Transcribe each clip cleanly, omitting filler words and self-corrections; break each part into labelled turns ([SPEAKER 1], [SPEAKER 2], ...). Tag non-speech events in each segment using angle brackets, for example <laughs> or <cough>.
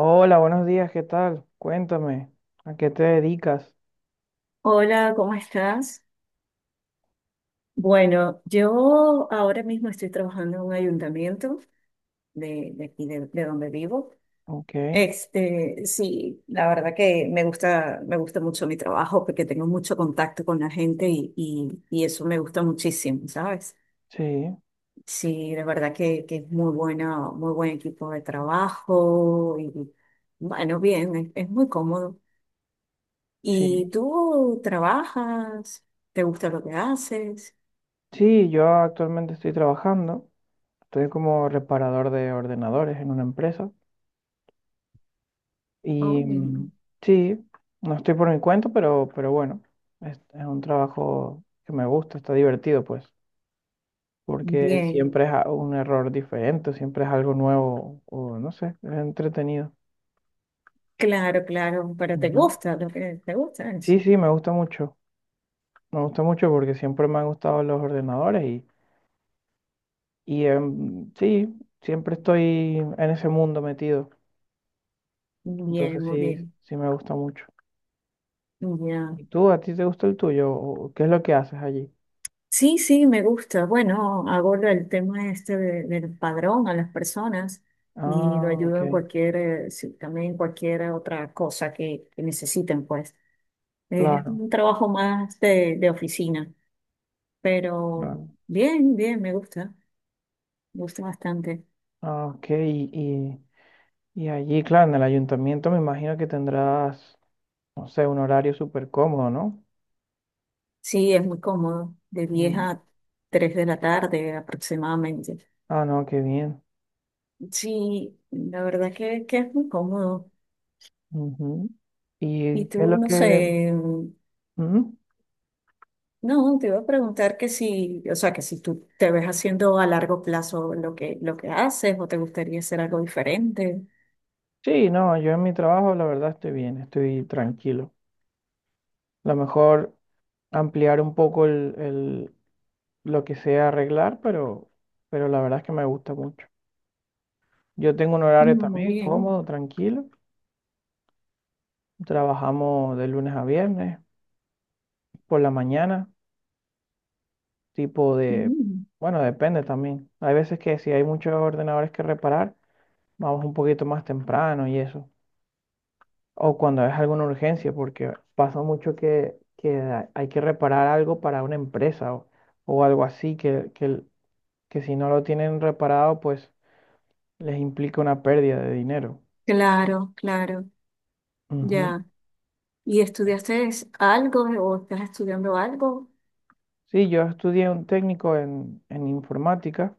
[SPEAKER 1] Hola, buenos días, ¿qué tal? Cuéntame, ¿a qué te dedicas?
[SPEAKER 2] Hola, ¿cómo estás? Bueno, yo ahora mismo estoy trabajando en un ayuntamiento de aquí de donde vivo.
[SPEAKER 1] Ok,
[SPEAKER 2] Este, sí, la verdad que me gusta mucho mi trabajo porque tengo mucho contacto con la gente y eso me gusta muchísimo, ¿sabes?
[SPEAKER 1] sí,
[SPEAKER 2] Sí, la verdad que es muy buena, muy buen equipo de trabajo y bueno, bien, es muy cómodo. ¿Y
[SPEAKER 1] sí.
[SPEAKER 2] tú trabajas? ¿Te gusta lo que haces?
[SPEAKER 1] Sí, yo actualmente estoy trabajando, estoy como reparador de ordenadores en una empresa
[SPEAKER 2] Oh,
[SPEAKER 1] y
[SPEAKER 2] bien.
[SPEAKER 1] sí, no estoy por mi cuenta, pero bueno, es un trabajo que me gusta, está divertido pues, porque
[SPEAKER 2] Bien,
[SPEAKER 1] siempre es un error diferente, siempre es algo nuevo o no sé, es entretenido.
[SPEAKER 2] claro, claro, pero te
[SPEAKER 1] Ujú.
[SPEAKER 2] gusta lo que te gusta
[SPEAKER 1] Sí,
[SPEAKER 2] eso.
[SPEAKER 1] sí, me gusta mucho. Me gusta mucho porque siempre me han gustado los ordenadores, y sí, siempre estoy en ese mundo metido.
[SPEAKER 2] Bien,
[SPEAKER 1] Entonces
[SPEAKER 2] muy
[SPEAKER 1] sí,
[SPEAKER 2] bien,
[SPEAKER 1] sí me gusta mucho.
[SPEAKER 2] ya.
[SPEAKER 1] ¿Y tú, a ti te gusta el tuyo? ¿O qué es lo que haces allí?
[SPEAKER 2] Sí, sí, me gusta. Bueno, aborda el tema del padrón a las personas y lo
[SPEAKER 1] Ah,
[SPEAKER 2] ayudo
[SPEAKER 1] ok,
[SPEAKER 2] en cualquier, sí, también en cualquier otra cosa que necesiten, pues. Es
[SPEAKER 1] claro,
[SPEAKER 2] un trabajo más de oficina, pero
[SPEAKER 1] claro.
[SPEAKER 2] bien, bien, me gusta bastante.
[SPEAKER 1] Ah, ok, y allí, claro, en el ayuntamiento me imagino que tendrás, no sé, un horario súper cómodo, ¿no?
[SPEAKER 2] Sí, es muy cómodo, de 10
[SPEAKER 1] Mm.
[SPEAKER 2] a 3 de la tarde aproximadamente.
[SPEAKER 1] Ah, no, qué bien.
[SPEAKER 2] Sí, la verdad que es muy cómodo.
[SPEAKER 1] Ujú.
[SPEAKER 2] Y
[SPEAKER 1] ¿Y qué es
[SPEAKER 2] tú,
[SPEAKER 1] lo
[SPEAKER 2] no
[SPEAKER 1] que...?
[SPEAKER 2] sé,
[SPEAKER 1] Ujú.
[SPEAKER 2] no, te iba a preguntar que si, o sea, que si tú te ves haciendo a largo plazo lo que haces o te gustaría hacer algo diferente.
[SPEAKER 1] Sí, no, yo en mi trabajo la verdad estoy bien, estoy tranquilo. Lo mejor ampliar un poco lo que sea arreglar, pero la verdad es que me gusta mucho. Yo tengo un horario
[SPEAKER 2] No, muy
[SPEAKER 1] también
[SPEAKER 2] bien.
[SPEAKER 1] cómodo, tranquilo. Trabajamos de lunes a viernes, por la mañana, tipo de,
[SPEAKER 2] Mm.
[SPEAKER 1] bueno, depende también. Hay veces que si hay muchos ordenadores que reparar, vamos un poquito más temprano y eso. O cuando es alguna urgencia, porque pasa mucho que hay que reparar algo para una empresa o algo así, que si no lo tienen reparado, pues les implica una pérdida de dinero.
[SPEAKER 2] Claro, claro,
[SPEAKER 1] Ujú.
[SPEAKER 2] ya. ¿Y estudiaste algo o estás estudiando algo?
[SPEAKER 1] Sí, yo estudié un técnico en, informática,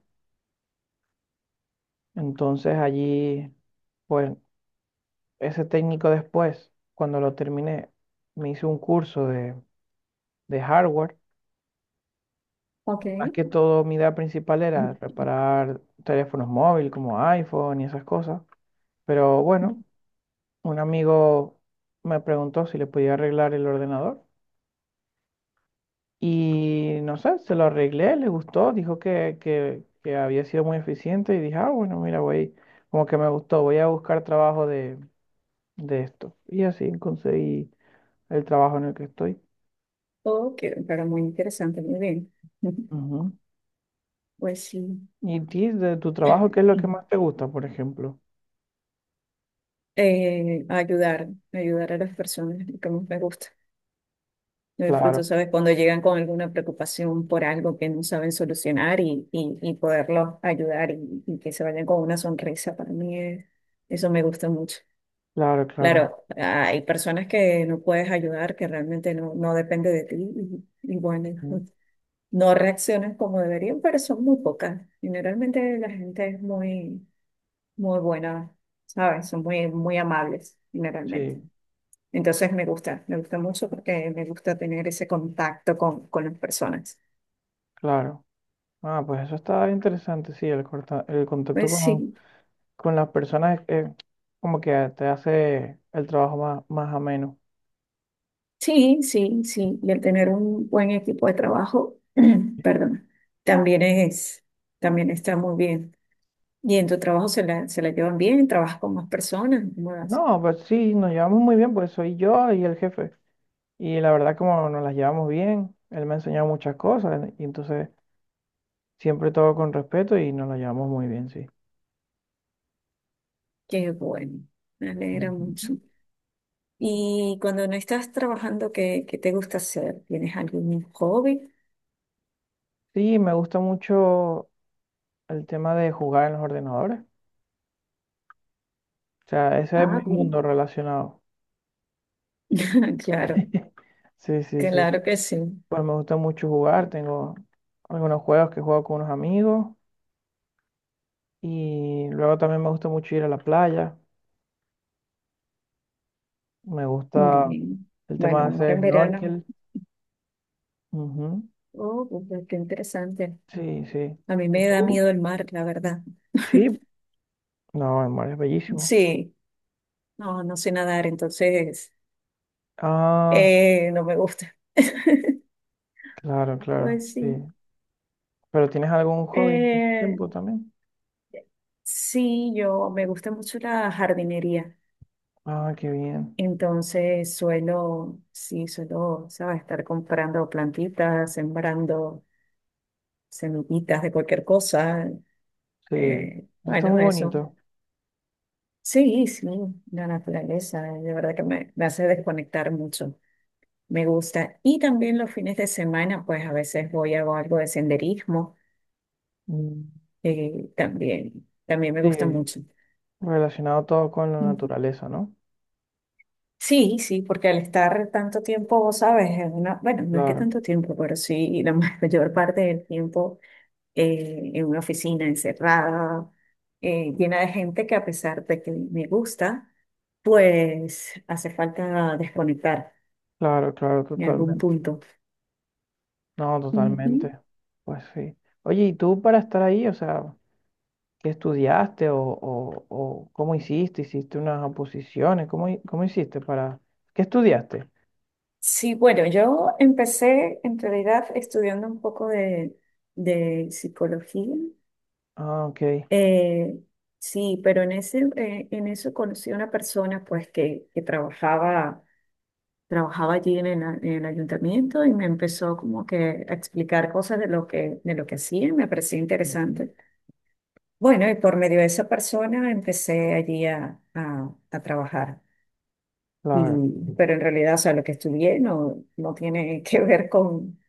[SPEAKER 1] entonces allí, pues ese técnico después, cuando lo terminé, me hice un curso de hardware.
[SPEAKER 2] Ok.
[SPEAKER 1] Más que todo, mi idea principal era
[SPEAKER 2] <laughs>
[SPEAKER 1] reparar teléfonos móviles como iPhone y esas cosas. Pero bueno, un amigo me preguntó si le podía arreglar el ordenador. Y no sé, se lo arreglé, le gustó, dijo que, que había sido muy eficiente, y dije, ah, bueno, mira, voy, como que me gustó, voy a buscar trabajo de, esto. Y así conseguí el trabajo en el que estoy.
[SPEAKER 2] Ok, pero muy interesante, muy bien. <laughs>
[SPEAKER 1] Ujú.
[SPEAKER 2] Pues sí.
[SPEAKER 1] ¿Y ti, de tu trabajo, qué es lo que más te gusta, por ejemplo?
[SPEAKER 2] Ayudar, ayudar a las personas, lo que más me gusta. Lo
[SPEAKER 1] Claro,
[SPEAKER 2] disfruto, ¿sabes? Cuando llegan con alguna preocupación por algo que no saben solucionar y poderlos ayudar y que se vayan con una sonrisa, para mí es, eso me gusta mucho.
[SPEAKER 1] claro, claro.
[SPEAKER 2] Claro, hay personas que no puedes ayudar, que realmente no, no depende de ti y bueno,
[SPEAKER 1] Ujú.
[SPEAKER 2] <laughs> no reaccionan como deberían, pero son muy pocas. Generalmente la gente es muy, muy buena, ¿sabes? Son muy, muy amables, generalmente.
[SPEAKER 1] Sí,
[SPEAKER 2] Entonces me gusta mucho porque me gusta tener ese contacto con las personas.
[SPEAKER 1] claro. Ah, pues eso está interesante, sí, el, el contacto
[SPEAKER 2] Pues
[SPEAKER 1] con,
[SPEAKER 2] sí,
[SPEAKER 1] con las personas, como que te hace el trabajo más, más ameno.
[SPEAKER 2] sí, sí, sí. Y el tener un buen equipo de trabajo, <clears throat> perdón, también también está muy bien. Y en tu trabajo se la llevan bien, trabajas con más personas, ¿cómo das?
[SPEAKER 1] No, pues sí, nos llevamos muy bien, pues soy yo y el jefe. Y la verdad, como nos las llevamos bien, él me ha enseñado muchas cosas, y entonces siempre todo con respeto y nos las llevamos muy bien, sí.
[SPEAKER 2] Qué bueno, me alegra
[SPEAKER 1] Ujú.
[SPEAKER 2] mucho. Y cuando no estás trabajando, ¿qué, qué te gusta hacer? ¿Tienes algún hobby?
[SPEAKER 1] Sí, me gusta mucho el tema de jugar en los ordenadores. O sea, ese es
[SPEAKER 2] Ah,
[SPEAKER 1] mi mundo
[SPEAKER 2] bien.
[SPEAKER 1] relacionado.
[SPEAKER 2] <laughs> Claro,
[SPEAKER 1] <laughs> Sí, sí, sí.
[SPEAKER 2] claro que sí.
[SPEAKER 1] Pues me gusta mucho jugar. Tengo algunos juegos que juego con unos amigos. Y luego también me gusta mucho ir a la playa. Me gusta
[SPEAKER 2] Bien.
[SPEAKER 1] el tema de
[SPEAKER 2] Bueno, ahora
[SPEAKER 1] hacer
[SPEAKER 2] en verano.
[SPEAKER 1] snorkel. Ujú.
[SPEAKER 2] Oh, pues, qué interesante.
[SPEAKER 1] Sí, sí.
[SPEAKER 2] A mí
[SPEAKER 1] ¿Y
[SPEAKER 2] me da
[SPEAKER 1] tú?
[SPEAKER 2] miedo el mar, la verdad.
[SPEAKER 1] Sí,
[SPEAKER 2] <laughs>
[SPEAKER 1] no, el mar es bellísimo.
[SPEAKER 2] Sí, no, no sé nadar, entonces
[SPEAKER 1] Ah,
[SPEAKER 2] no me gusta. <laughs>
[SPEAKER 1] claro, claro,
[SPEAKER 2] Pues
[SPEAKER 1] sí.
[SPEAKER 2] sí.
[SPEAKER 1] ¿Pero tienes algún hobby en ese
[SPEAKER 2] Eh,
[SPEAKER 1] tiempo también?
[SPEAKER 2] sí, yo me gusta mucho la jardinería.
[SPEAKER 1] Ah, qué bien.
[SPEAKER 2] Entonces suelo, sí, suelo, ¿sabes? Estar comprando plantitas, sembrando semillitas de cualquier cosa.
[SPEAKER 1] Sí, eso está muy
[SPEAKER 2] Bueno, eso.
[SPEAKER 1] bonito.
[SPEAKER 2] Sí, sí, la naturaleza, de verdad que me hace desconectar mucho, me gusta. Y también los fines de semana, pues a veces voy a algo de senderismo,
[SPEAKER 1] Mm.
[SPEAKER 2] también, también me gusta
[SPEAKER 1] Sí,
[SPEAKER 2] mucho.
[SPEAKER 1] relacionado todo con la
[SPEAKER 2] Ujú.
[SPEAKER 1] naturaleza, ¿no?
[SPEAKER 2] Sí, sí, porque al estar tanto tiempo, sabes, en una, bueno, no es que
[SPEAKER 1] Claro,
[SPEAKER 2] tanto tiempo, pero sí, la <laughs> mayor parte del tiempo en una oficina encerrada, llena de gente que a pesar de que me gusta, pues hace falta desconectar
[SPEAKER 1] claro, claro,
[SPEAKER 2] en algún
[SPEAKER 1] totalmente.
[SPEAKER 2] punto.
[SPEAKER 1] No, totalmente.
[SPEAKER 2] Ujú.
[SPEAKER 1] Pues sí. Oye, ¿y tú para estar ahí, o sea, qué estudiaste o cómo hiciste? ¿Hiciste unas oposiciones? ¿Cómo hiciste para... ¿Qué estudiaste?
[SPEAKER 2] Sí, bueno, yo empecé en realidad estudiando un poco de psicología.
[SPEAKER 1] Ah, ok.
[SPEAKER 2] Eh, sí, pero en en eso conocí a una persona pues que trabajaba, trabajaba allí en en el ayuntamiento y me empezó como que a explicar cosas de lo que hacía, me parecía
[SPEAKER 1] Ujú,
[SPEAKER 2] interesante. Bueno, y por medio de esa persona empecé allí a trabajar.
[SPEAKER 1] claro.
[SPEAKER 2] Pero en realidad, o sea, lo que estudié no, no tiene <laughs> que ver con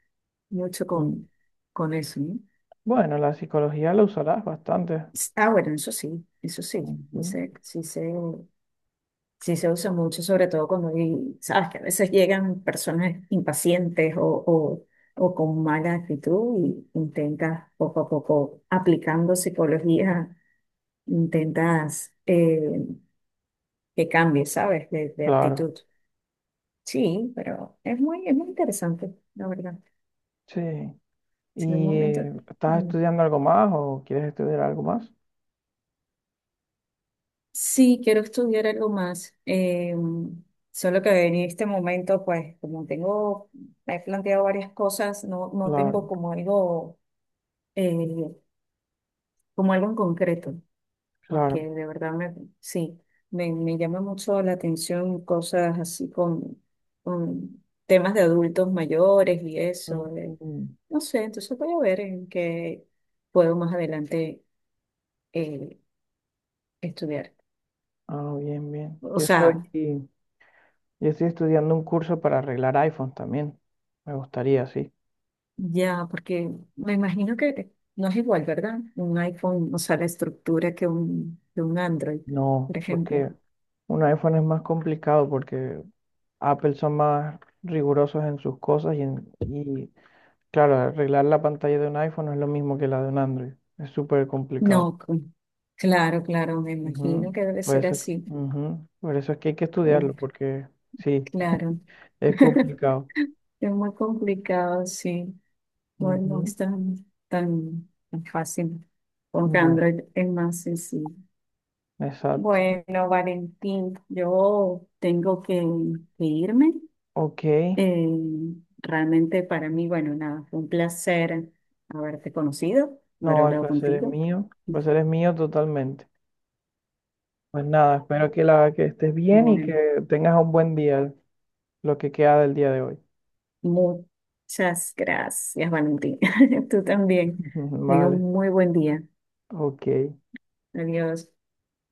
[SPEAKER 2] mucho
[SPEAKER 1] Mm,
[SPEAKER 2] con eso, ¿no?
[SPEAKER 1] Bueno, la psicología la usarás bastante,
[SPEAKER 2] Ah, bueno, eso sí,
[SPEAKER 1] ujú,
[SPEAKER 2] sí se usa mucho, sobre todo cuando sabes que a veces llegan personas impacientes o o con mala actitud y intentas poco a poco, aplicando psicología, intentas que cambie, ¿sabes? De
[SPEAKER 1] claro.
[SPEAKER 2] actitud. Sí, pero es muy interesante, la verdad.
[SPEAKER 1] Sí.
[SPEAKER 2] Si en un
[SPEAKER 1] ¿Y
[SPEAKER 2] momento...
[SPEAKER 1] estás estudiando algo más o quieres estudiar algo más?
[SPEAKER 2] Sí, quiero estudiar algo más. Solo que en este momento, pues, como tengo, me he planteado varias cosas, no, no tengo
[SPEAKER 1] Claro,
[SPEAKER 2] eh, como algo en concreto, porque
[SPEAKER 1] claro.
[SPEAKER 2] de verdad me, sí, me llama mucho la atención cosas así con temas de adultos mayores y eso.
[SPEAKER 1] Ujú.
[SPEAKER 2] No sé, entonces voy a ver en qué puedo más adelante eh, estudiar.
[SPEAKER 1] Ah, bien, bien.
[SPEAKER 2] O
[SPEAKER 1] Yo estoy,
[SPEAKER 2] sea,
[SPEAKER 1] yo estoy estudiando un curso para arreglar iPhones también. Me gustaría, sí.
[SPEAKER 2] ya, porque me imagino que no es igual, ¿verdad? Un iPhone, o sea, la estructura que un Android,
[SPEAKER 1] No,
[SPEAKER 2] por ejemplo.
[SPEAKER 1] porque un iPhone es más complicado porque Apple son más rigurosos en sus cosas y, claro, arreglar la pantalla de un iPhone no es lo mismo que la de un Android. Es súper complicado.
[SPEAKER 2] No, claro, claro, me imagino
[SPEAKER 1] Ujú.
[SPEAKER 2] que debe
[SPEAKER 1] Por
[SPEAKER 2] ser
[SPEAKER 1] eso,
[SPEAKER 2] así.
[SPEAKER 1] ujú, por eso es que hay que estudiarlo,
[SPEAKER 2] Uf,
[SPEAKER 1] porque sí,
[SPEAKER 2] claro.
[SPEAKER 1] es
[SPEAKER 2] <laughs>
[SPEAKER 1] complicado.
[SPEAKER 2] Es muy complicado, sí. No, no es
[SPEAKER 1] Ujú.
[SPEAKER 2] tan, tan tan fácil. Con
[SPEAKER 1] No,
[SPEAKER 2] Android es más sencillo.
[SPEAKER 1] exacto.
[SPEAKER 2] Bueno, Valentín, yo tengo que irme.
[SPEAKER 1] Ok,
[SPEAKER 2] Eh, realmente para mí, bueno, nada, fue un placer haberte conocido, haber
[SPEAKER 1] no, el
[SPEAKER 2] hablado
[SPEAKER 1] placer es
[SPEAKER 2] contigo.
[SPEAKER 1] mío. El placer es mío totalmente. Pues nada, espero que, la, que estés bien y que
[SPEAKER 2] Bueno,
[SPEAKER 1] tengas un buen día, lo que queda del día de hoy.
[SPEAKER 2] muchas gracias, Valentín. <laughs> Tú también.
[SPEAKER 1] <laughs>
[SPEAKER 2] Tenga
[SPEAKER 1] Vale,
[SPEAKER 2] un muy buen día.
[SPEAKER 1] ok.
[SPEAKER 2] Adiós.